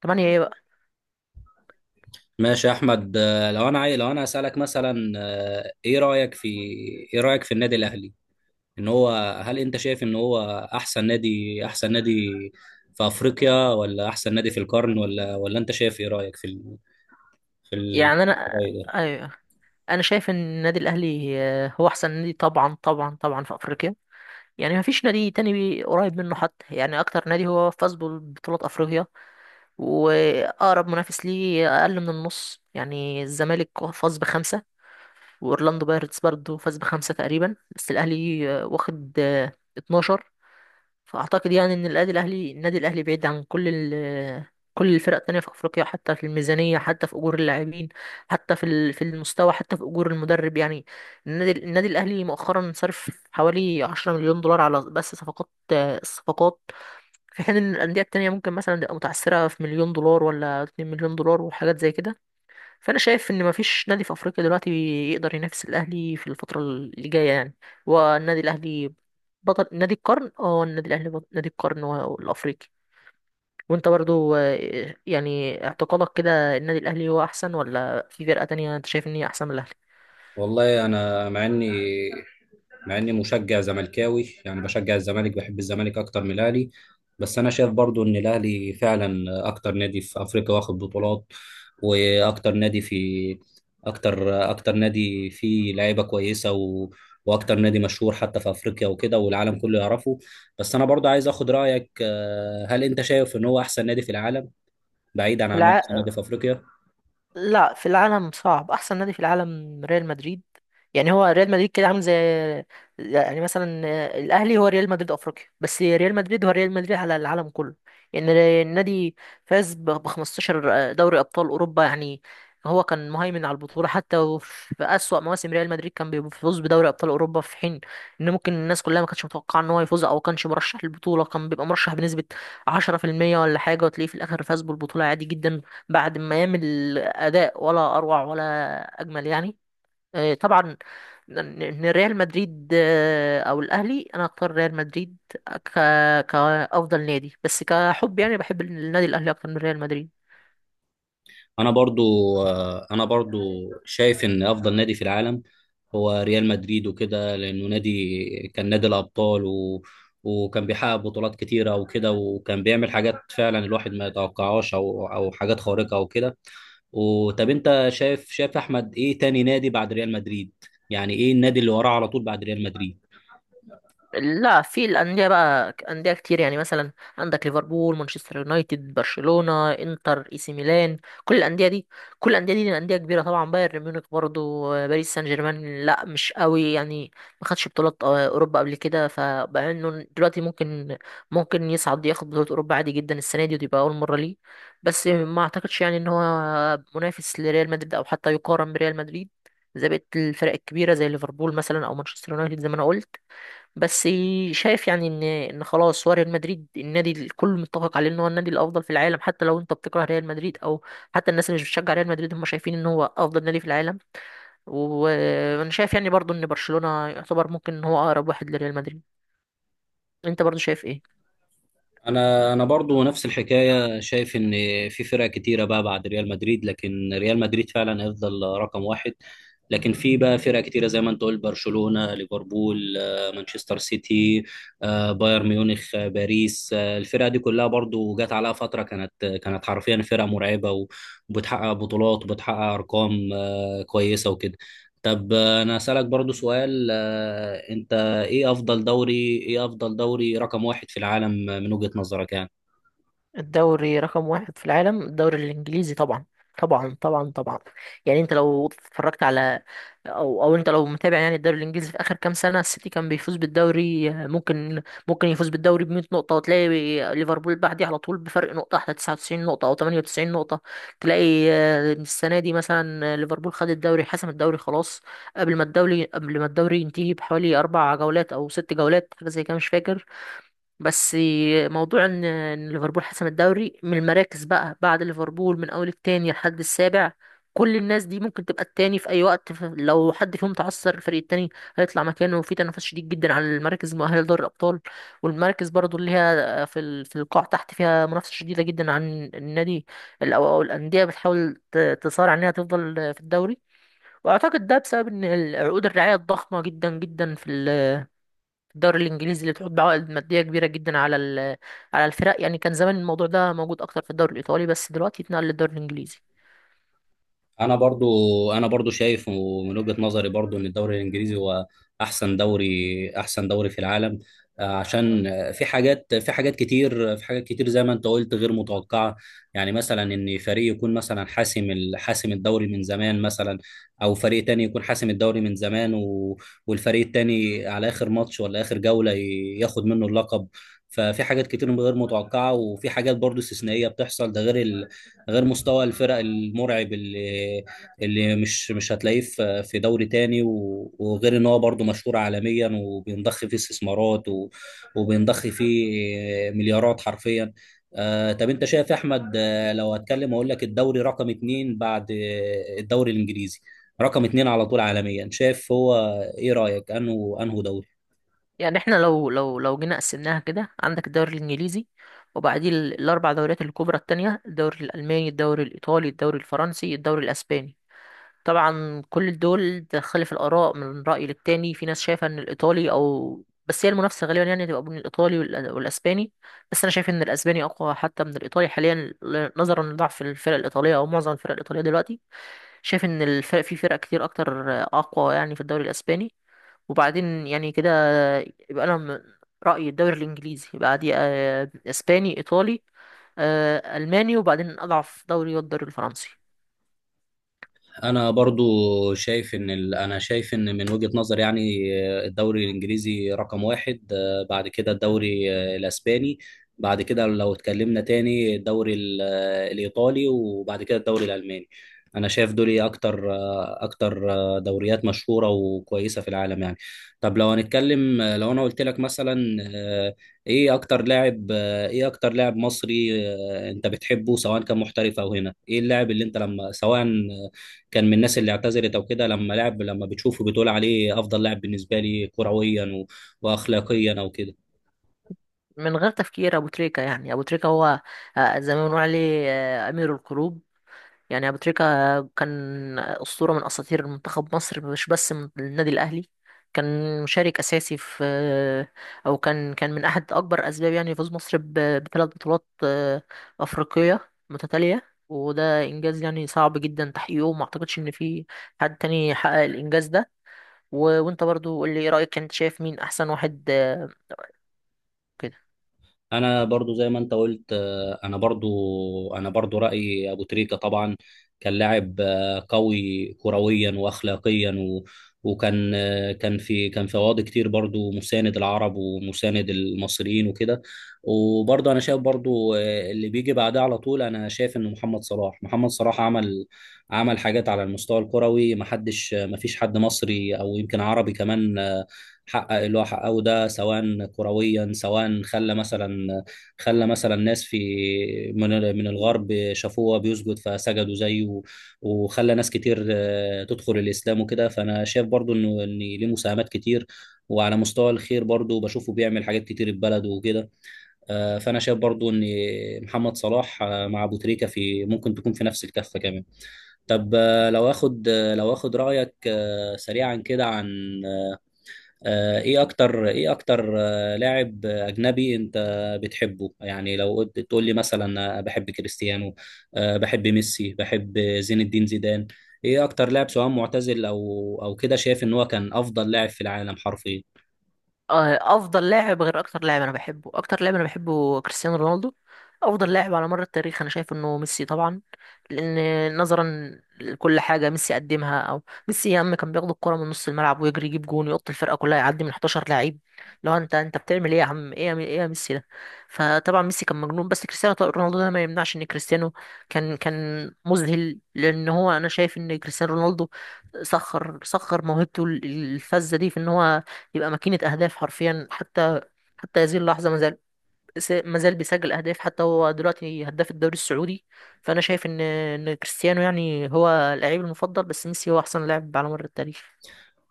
تمانية ايه بقى؟ ماشي يا احمد لو انا لو انا اسالك مثلا، ايه رايك في النادي الاهلي؟ ان هو هل انت شايف ان هو احسن نادي، في افريقيا، ولا احسن نادي في القرن، ولا انت شايف، ايه رايك في يعني، في الرأي ده؟ ايوه، انا شايف ان النادي الاهلي هو احسن نادي، طبعا طبعا طبعا، في افريقيا. يعني مفيش نادي تاني قريب منه، حتى يعني اكتر نادي هو فاز ببطولات افريقيا، واقرب منافس ليه اقل من النص. يعني الزمالك فاز بخمسة، واورلاندو بايرتس برضه فاز بخمسة تقريبا، بس الاهلي واخد 12. فاعتقد يعني ان النادي الاهلي بعيد عن كل الفرق التانية في افريقيا، حتى في الميزانية، حتى في اجور اللاعبين، حتى في في المستوى، حتى في اجور المدرب يعني. النادي الاهلي مؤخرا صرف حوالي 10 مليون دولار على بس صفقات الصفقات. في حين ان الاندية التانية ممكن مثلا تبقى متعثرة في مليون دولار ولا 2 مليون دولار وحاجات زي كده. فانا شايف ان مفيش نادي في افريقيا دلوقتي يقدر ينافس الاهلي في الفتره اللي جايه يعني. والنادي الاهلي بطل نادي القرن، النادي الاهلي بطل نادي القرن الافريقي. وانت برضو يعني اعتقادك كده، النادي الاهلي هو احسن، ولا في فرقه تانية انت شايف ان هي احسن من الاهلي؟ والله انا، مع اني مشجع زملكاوي يعني، بشجع الزمالك، بحب الزمالك اكتر من الاهلي، بس انا شايف برضو ان الاهلي فعلا اكتر نادي في افريقيا واخد بطولات، واكتر نادي في، اكتر نادي فيه لعيبه كويسه واكتر نادي مشهور حتى في افريقيا وكده، والعالم كله يعرفه. بس انا برضو عايز اخد رايك، هل انت شايف ان هو احسن نادي في العالم، بعيدا عن إن هو احسن الع... نادي في افريقيا؟ لا، في العالم صعب. احسن نادي في العالم ريال مدريد. يعني هو ريال مدريد كده عامل زي، يعني مثلا، الاهلي هو ريال مدريد افريقيا، بس ريال مدريد هو ريال مدريد على العالم كله. يعني النادي فاز ب 15 دوري ابطال اوروبا يعني. هو كان مهيمن على البطوله. حتى وفي اسوأ مواسم ريال مدريد كان بيفوز بدوري ابطال اوروبا، في حين ان ممكن الناس كلها ما كانتش متوقعه ان هو يفوز، او كانش مرشح للبطوله، كان بيبقى مرشح بنسبه 10% ولا حاجه، وتلاقيه في الاخر فاز بالبطوله عادي جدا، بعد ما يعمل اداء ولا اروع ولا اجمل يعني. طبعا إن ريال مدريد او الاهلي، انا اختار ريال مدريد ك... كافضل نادي، بس كحب يعني بحب النادي الاهلي اكتر من ريال مدريد. انا برضو انا برضو شايف ان افضل نادي في العالم هو ريال مدريد، وكده لانه نادي، كان نادي الابطال، وكان بيحقق بطولات كتيره وكده، وكان بيعمل حاجات فعلا الواحد ما يتوقعهاش، او حاجات خارقه وكده. وطب انت شايف احمد، ايه تاني نادي بعد ريال مدريد؟ يعني ايه النادي اللي وراه على طول بعد ريال مدريد؟ لا، في الأندية بقى أندية كتير يعني، مثلا عندك ليفربول، مانشستر يونايتد، برشلونة، انتر، اي سي ميلان. كل الأندية دي أندية كبيرة، طبعا بايرن ميونخ برضو، باريس سان جيرمان لا مش قوي يعني. ما خدش بطولات أوروبا قبل كده، فبقى إنه دلوقتي ممكن يصعد ياخد بطولة أوروبا عادي جدا السنة دي، ودي بقى أول مرة ليه. بس ما أعتقدش يعني إن هو منافس لريال مدريد، أو حتى يقارن بريال مدريد زي بقية الفرق الكبيرة زي ليفربول مثلا أو مانشستر يونايتد زي ما أنا قلت. بس شايف يعني ان خلاص هو ريال مدريد، النادي الكل متفق عليه ان هو النادي الافضل في العالم، حتى لو انت بتكره ريال مدريد، او حتى الناس اللي مش بتشجع ريال مدريد هم شايفين ان هو افضل نادي في العالم. وانا شايف يعني برضو ان برشلونة يعتبر ممكن ان هو اقرب واحد لريال مدريد. انت برضو شايف ايه؟ انا برضو نفس الحكايه، شايف ان في فرق كتيره بقى بعد ريال مدريد، لكن ريال مدريد فعلا هيفضل رقم واحد. لكن في بقى فرق كتيره زي ما انت قلت، برشلونه، ليفربول، مانشستر سيتي، بايرن ميونخ، باريس، الفرق دي كلها برضو جت عليها فتره كانت حرفيا فرق مرعبه وبتحقق بطولات، وبتحقق ارقام كويسه وكده. طب انا اسالك برضو سؤال، انت ايه افضل دوري، رقم واحد في العالم من وجهة نظرك يعني؟ الدوري رقم واحد في العالم الدوري الإنجليزي طبعا، طبعا طبعا طبعا. يعني انت لو اتفرجت على، او انت لو متابع يعني الدوري الانجليزي في اخر كام سنه، السيتي كان بيفوز بالدوري، ممكن يفوز بالدوري ب 100 نقطه، وتلاقي ليفربول بعديه على طول بفرق نقطه احلى، 99 نقطه او 98 نقطه. تلاقي السنه دي مثلا ليفربول خد الدوري، حسم الدوري خلاص قبل ما الدوري ينتهي بحوالي اربع جولات او ست جولات، حاجه زي كده، مش فاكر. بس موضوع إن ليفربول حسم الدوري، من المراكز بقى بعد ليفربول من اول التاني لحد السابع كل الناس دي ممكن تبقى التاني في اي وقت. لو حد فيهم تعثر، الفريق التاني هيطلع مكانه. وفي تنافس شديد جدا على المراكز المؤهله لدوري الابطال، والمراكز برضو اللي هي في في القاع تحت فيها منافسه شديده جدا عن النادي او أو الانديه بتحاول تصارع انها تفضل في الدوري. واعتقد ده بسبب ان عقود الرعايه الضخمه جدا جدا في الدوري الانجليزي اللي بتحط بعوائد ماديه كبيره جدا على على الفرق يعني. كان زمان الموضوع ده موجود اكتر في الدوري الايطالي، بس دلوقتي اتنقل للدوري الانجليزي. انا برضو انا برضو شايف ومن وجهة نظري برضو ان الدوري الانجليزي هو احسن دوري، في العالم، عشان في حاجات، في حاجات كتير زي ما انت قلت غير متوقعة. يعني مثلا ان فريق يكون مثلا حاسم حاسم الدوري من زمان، مثلا، او فريق تاني يكون حاسم الدوري من زمان، والفريق التاني على اخر ماتش ولا اخر جولة ياخد منه اللقب. ففي حاجات كتير غير متوقعة، وفي حاجات برضو استثنائية بتحصل، ده غير غير مستوى الفرق المرعب اللي مش هتلاقيه في دوري تاني، وغير ان هو برضه مشهور عالميا، وبينضخ فيه استثمارات وبينضخ فيه مليارات حرفيا. طب انت شايف يا احمد، لو هتكلم اقول لك الدوري رقم اتنين بعد الدوري الانجليزي، رقم اتنين على طول عالميا، شايف هو ايه رأيك، انه دوري؟ يعني احنا لو جينا قسمناها كده، عندك الدوري الانجليزي، وبعديه الاربع دوريات الكبرى التانية، الدوري الالماني، الدوري الايطالي، الدوري الفرنسي، الدوري الاسباني. طبعا كل دول تختلف الآراء من رأي للتاني، في ناس شايفة إن الإيطالي أو، بس هي المنافسة غالبا يعني تبقى بين الإيطالي والأسباني. بس أنا شايف إن الأسباني أقوى حتى من الإيطالي حاليا، نظرا لضعف الفرق الإيطالية أو معظم الفرق الإيطالية دلوقتي. شايف إن الفرق، في فرق كتير أكتر، أقوى يعني في الدوري الأسباني. وبعدين يعني كده يبقى أنا من رأيي الدوري الإنجليزي، يبقى عادي أسباني، إيطالي، ألماني. وبعدين أضعف دوري هو الدوري الفرنسي. انا برضو شايف انا شايف ان من وجهة نظر يعني، الدوري الانجليزي رقم واحد، بعد كده الدوري الاسباني، بعد كده لو اتكلمنا تاني الدوري الايطالي، وبعد كده الدوري الالماني. انا شايف دول إيه اكتر، دوريات مشهورة وكويسة في العالم يعني. طب لو هنتكلم، لو انا قلت لك مثلا، ايه اكتر لاعب، مصري، انت بتحبه، سواء كان محترف او هنا، ايه اللاعب اللي انت لما، سواء كان من الناس اللي اعتزلت او كده، لما لعب، لما بتشوفه بتقول عليه افضل لاعب بالنسبه لي كرويا واخلاقيا او كده؟ من غير تفكير ابو تريكة. يعني ابو تريكة هو زي ما بنقول عليه امير القلوب. يعني ابو تريكة كان اسطوره من اساطير منتخب مصر، مش بس من النادي الاهلي. كان مشارك اساسي في او كان من احد اكبر اسباب يعني فوز مصر بثلاث بطولات افريقيه متتاليه، وده انجاز يعني صعب جدا تحقيقه، وما اعتقدش ان في حد تاني حقق الانجاز ده. وانت برضو قول لي ايه رايك، انت شايف مين احسن واحد كده؟ انا برضو زي ما انت قلت، انا برضو رايي ابو تريكه طبعا. كان لاعب قوي كرويا واخلاقيا، و وكان آه، كان في كان في قواضي كتير برضو، مساند العرب ومساند المصريين وكده. وبرضو انا شايف برضو، اللي بيجي بعدها على طول، انا شايف ان محمد صلاح. عمل، حاجات على المستوى الكروي، ما فيش حد مصري او يمكن عربي كمان حقق اللي هو حققه ده، سواء كرويا، سواء خلى مثلا، ناس في من الغرب شافوه بيسجد فسجدوا زيه، وخلى ناس كتير تدخل الاسلام وكده. فانا شايف برضو ان ليه مساهمات كتير، وعلى مستوى الخير برضو بشوفه بيعمل حاجات كتير في بلده وكده. فانا شايف برضو ان محمد صلاح مع ابو تريكة، في ممكن تكون في نفس الكفه كمان. طب، لو اخد رايك سريعا كده عن، ايه اكتر لاعب اجنبي انت بتحبه؟ يعني لو قلت تقول لي مثلا، بحب كريستيانو، بحب ميسي، بحب زين الدين زيدان. ايه اكتر لاعب، سواء معتزل او كده، شايف ان هو كان افضل لاعب في العالم حرفيا؟ افضل لاعب غير اكتر لاعب انا بحبه. اكتر لاعب انا بحبه كريستيانو رونالدو. افضل لاعب على مر التاريخ انا شايف انه ميسي طبعا، لان نظرا لكل حاجه ميسي قدمها. او ميسي يا عم كان بياخد الكره من نص الملعب ويجري يجيب جون، يقط الفرقه كلها، يعدي من 11 لعيب. لو انت بتعمل ايه يا عم، ايه يا، ايه يا ميسي ده؟ فطبعا ميسي كان مجنون، بس كريستيانو طبعاً رونالدو ده ما يمنعش ان كريستيانو كان مذهل. لان هو انا شايف ان كريستيانو رونالدو سخر موهبته الفذه دي في ان هو يبقى ماكينة أهداف حرفيا. حتى هذه اللحظة مازال بيسجل أهداف، حتى هو دلوقتي هداف الدوري السعودي. فأنا شايف إن كريستيانو يعني هو اللعيب المفضل، بس ميسي هو أحسن لاعب على مر التاريخ.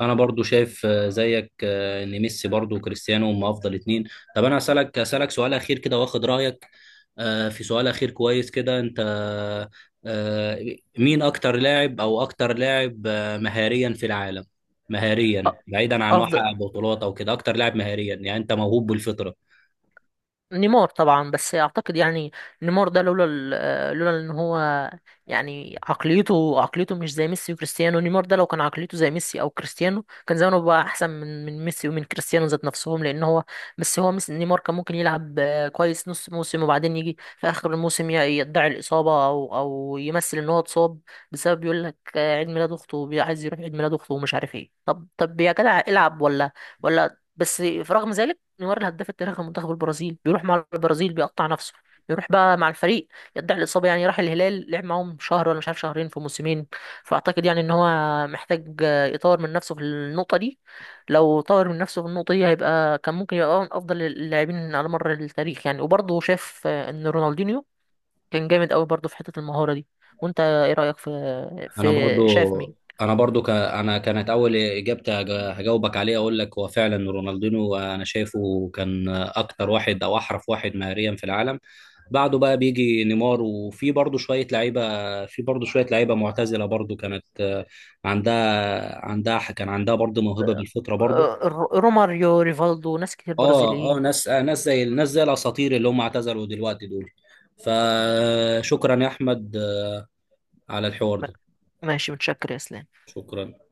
انا برضو شايف، زيك ان ميسي برضو وكريستيانو هم افضل اتنين. طب انا اسالك سؤال اخير كده واخد رايك، آه، في سؤال اخير كويس كده، انت مين اكتر لاعب، او اكتر لاعب آه، مهاريا في العالم؟ مهاريا أ- بعيدا عن انه أفضل، حقق بطولات او كده، اكتر لاعب مهاريا يعني، انت موهوب بالفطرة. نيمار طبعا. بس اعتقد يعني نيمار ده لولا ان هو، يعني عقليته مش زي ميسي وكريستيانو. نيمار ده لو كان عقليته زي ميسي او كريستيانو كان زمانه بقى احسن من ميسي ومن كريستيانو ذات نفسهم، لان هو، بس هو ميسي، نيمار كان ممكن يلعب كويس نص موسم، وبعدين يجي في اخر الموسم يدعي الاصابه او يمثل ان هو اتصاب، بسبب يقول لك عيد ميلاد اخته، عايز يروح عيد ميلاد اخته ومش عارف ايه. طب طب يا جدع العب، ولا بس. في رغم ذلك نيمار الهداف التاريخي لمنتخب البرازيل بيروح مع البرازيل بيقطع نفسه، يروح بقى مع الفريق يدعي الإصابة. يعني راح الهلال لعب معاهم شهر ولا مش عارف شهرين في موسمين. فأعتقد يعني إن هو محتاج يطور من نفسه في النقطة دي. لو طور من نفسه في النقطة دي هيبقى كان ممكن يبقى من أفضل اللاعبين على مر التاريخ يعني. وبرضه شاف إن رونالدينيو كان جامد أوي برضه في حتة المهارة دي. وأنت إيه رأيك في انا برضو شايف مين؟ انا برضو، ك... انا كانت اول اجابتي، هجاوبك عليها اقول لك هو فعلا رونالدينو، انا شايفه كان اكتر واحد او احرف واحد مهاريا في العالم. بعده بقى بيجي نيمار، وفي برضو شوية لعيبة، معتزلة برضو، كانت عندها كان عندها برضو موهبة بالفطرة برضو. روماريو، ريفالدو، ناس كتير اه برازيليين. ناس، ناس زي الاساطير اللي هم اعتزلوا دلوقتي دول. فشكرا يا احمد على الحوار ما- ده. ماشي، متشكر يا اسلام. شكرا.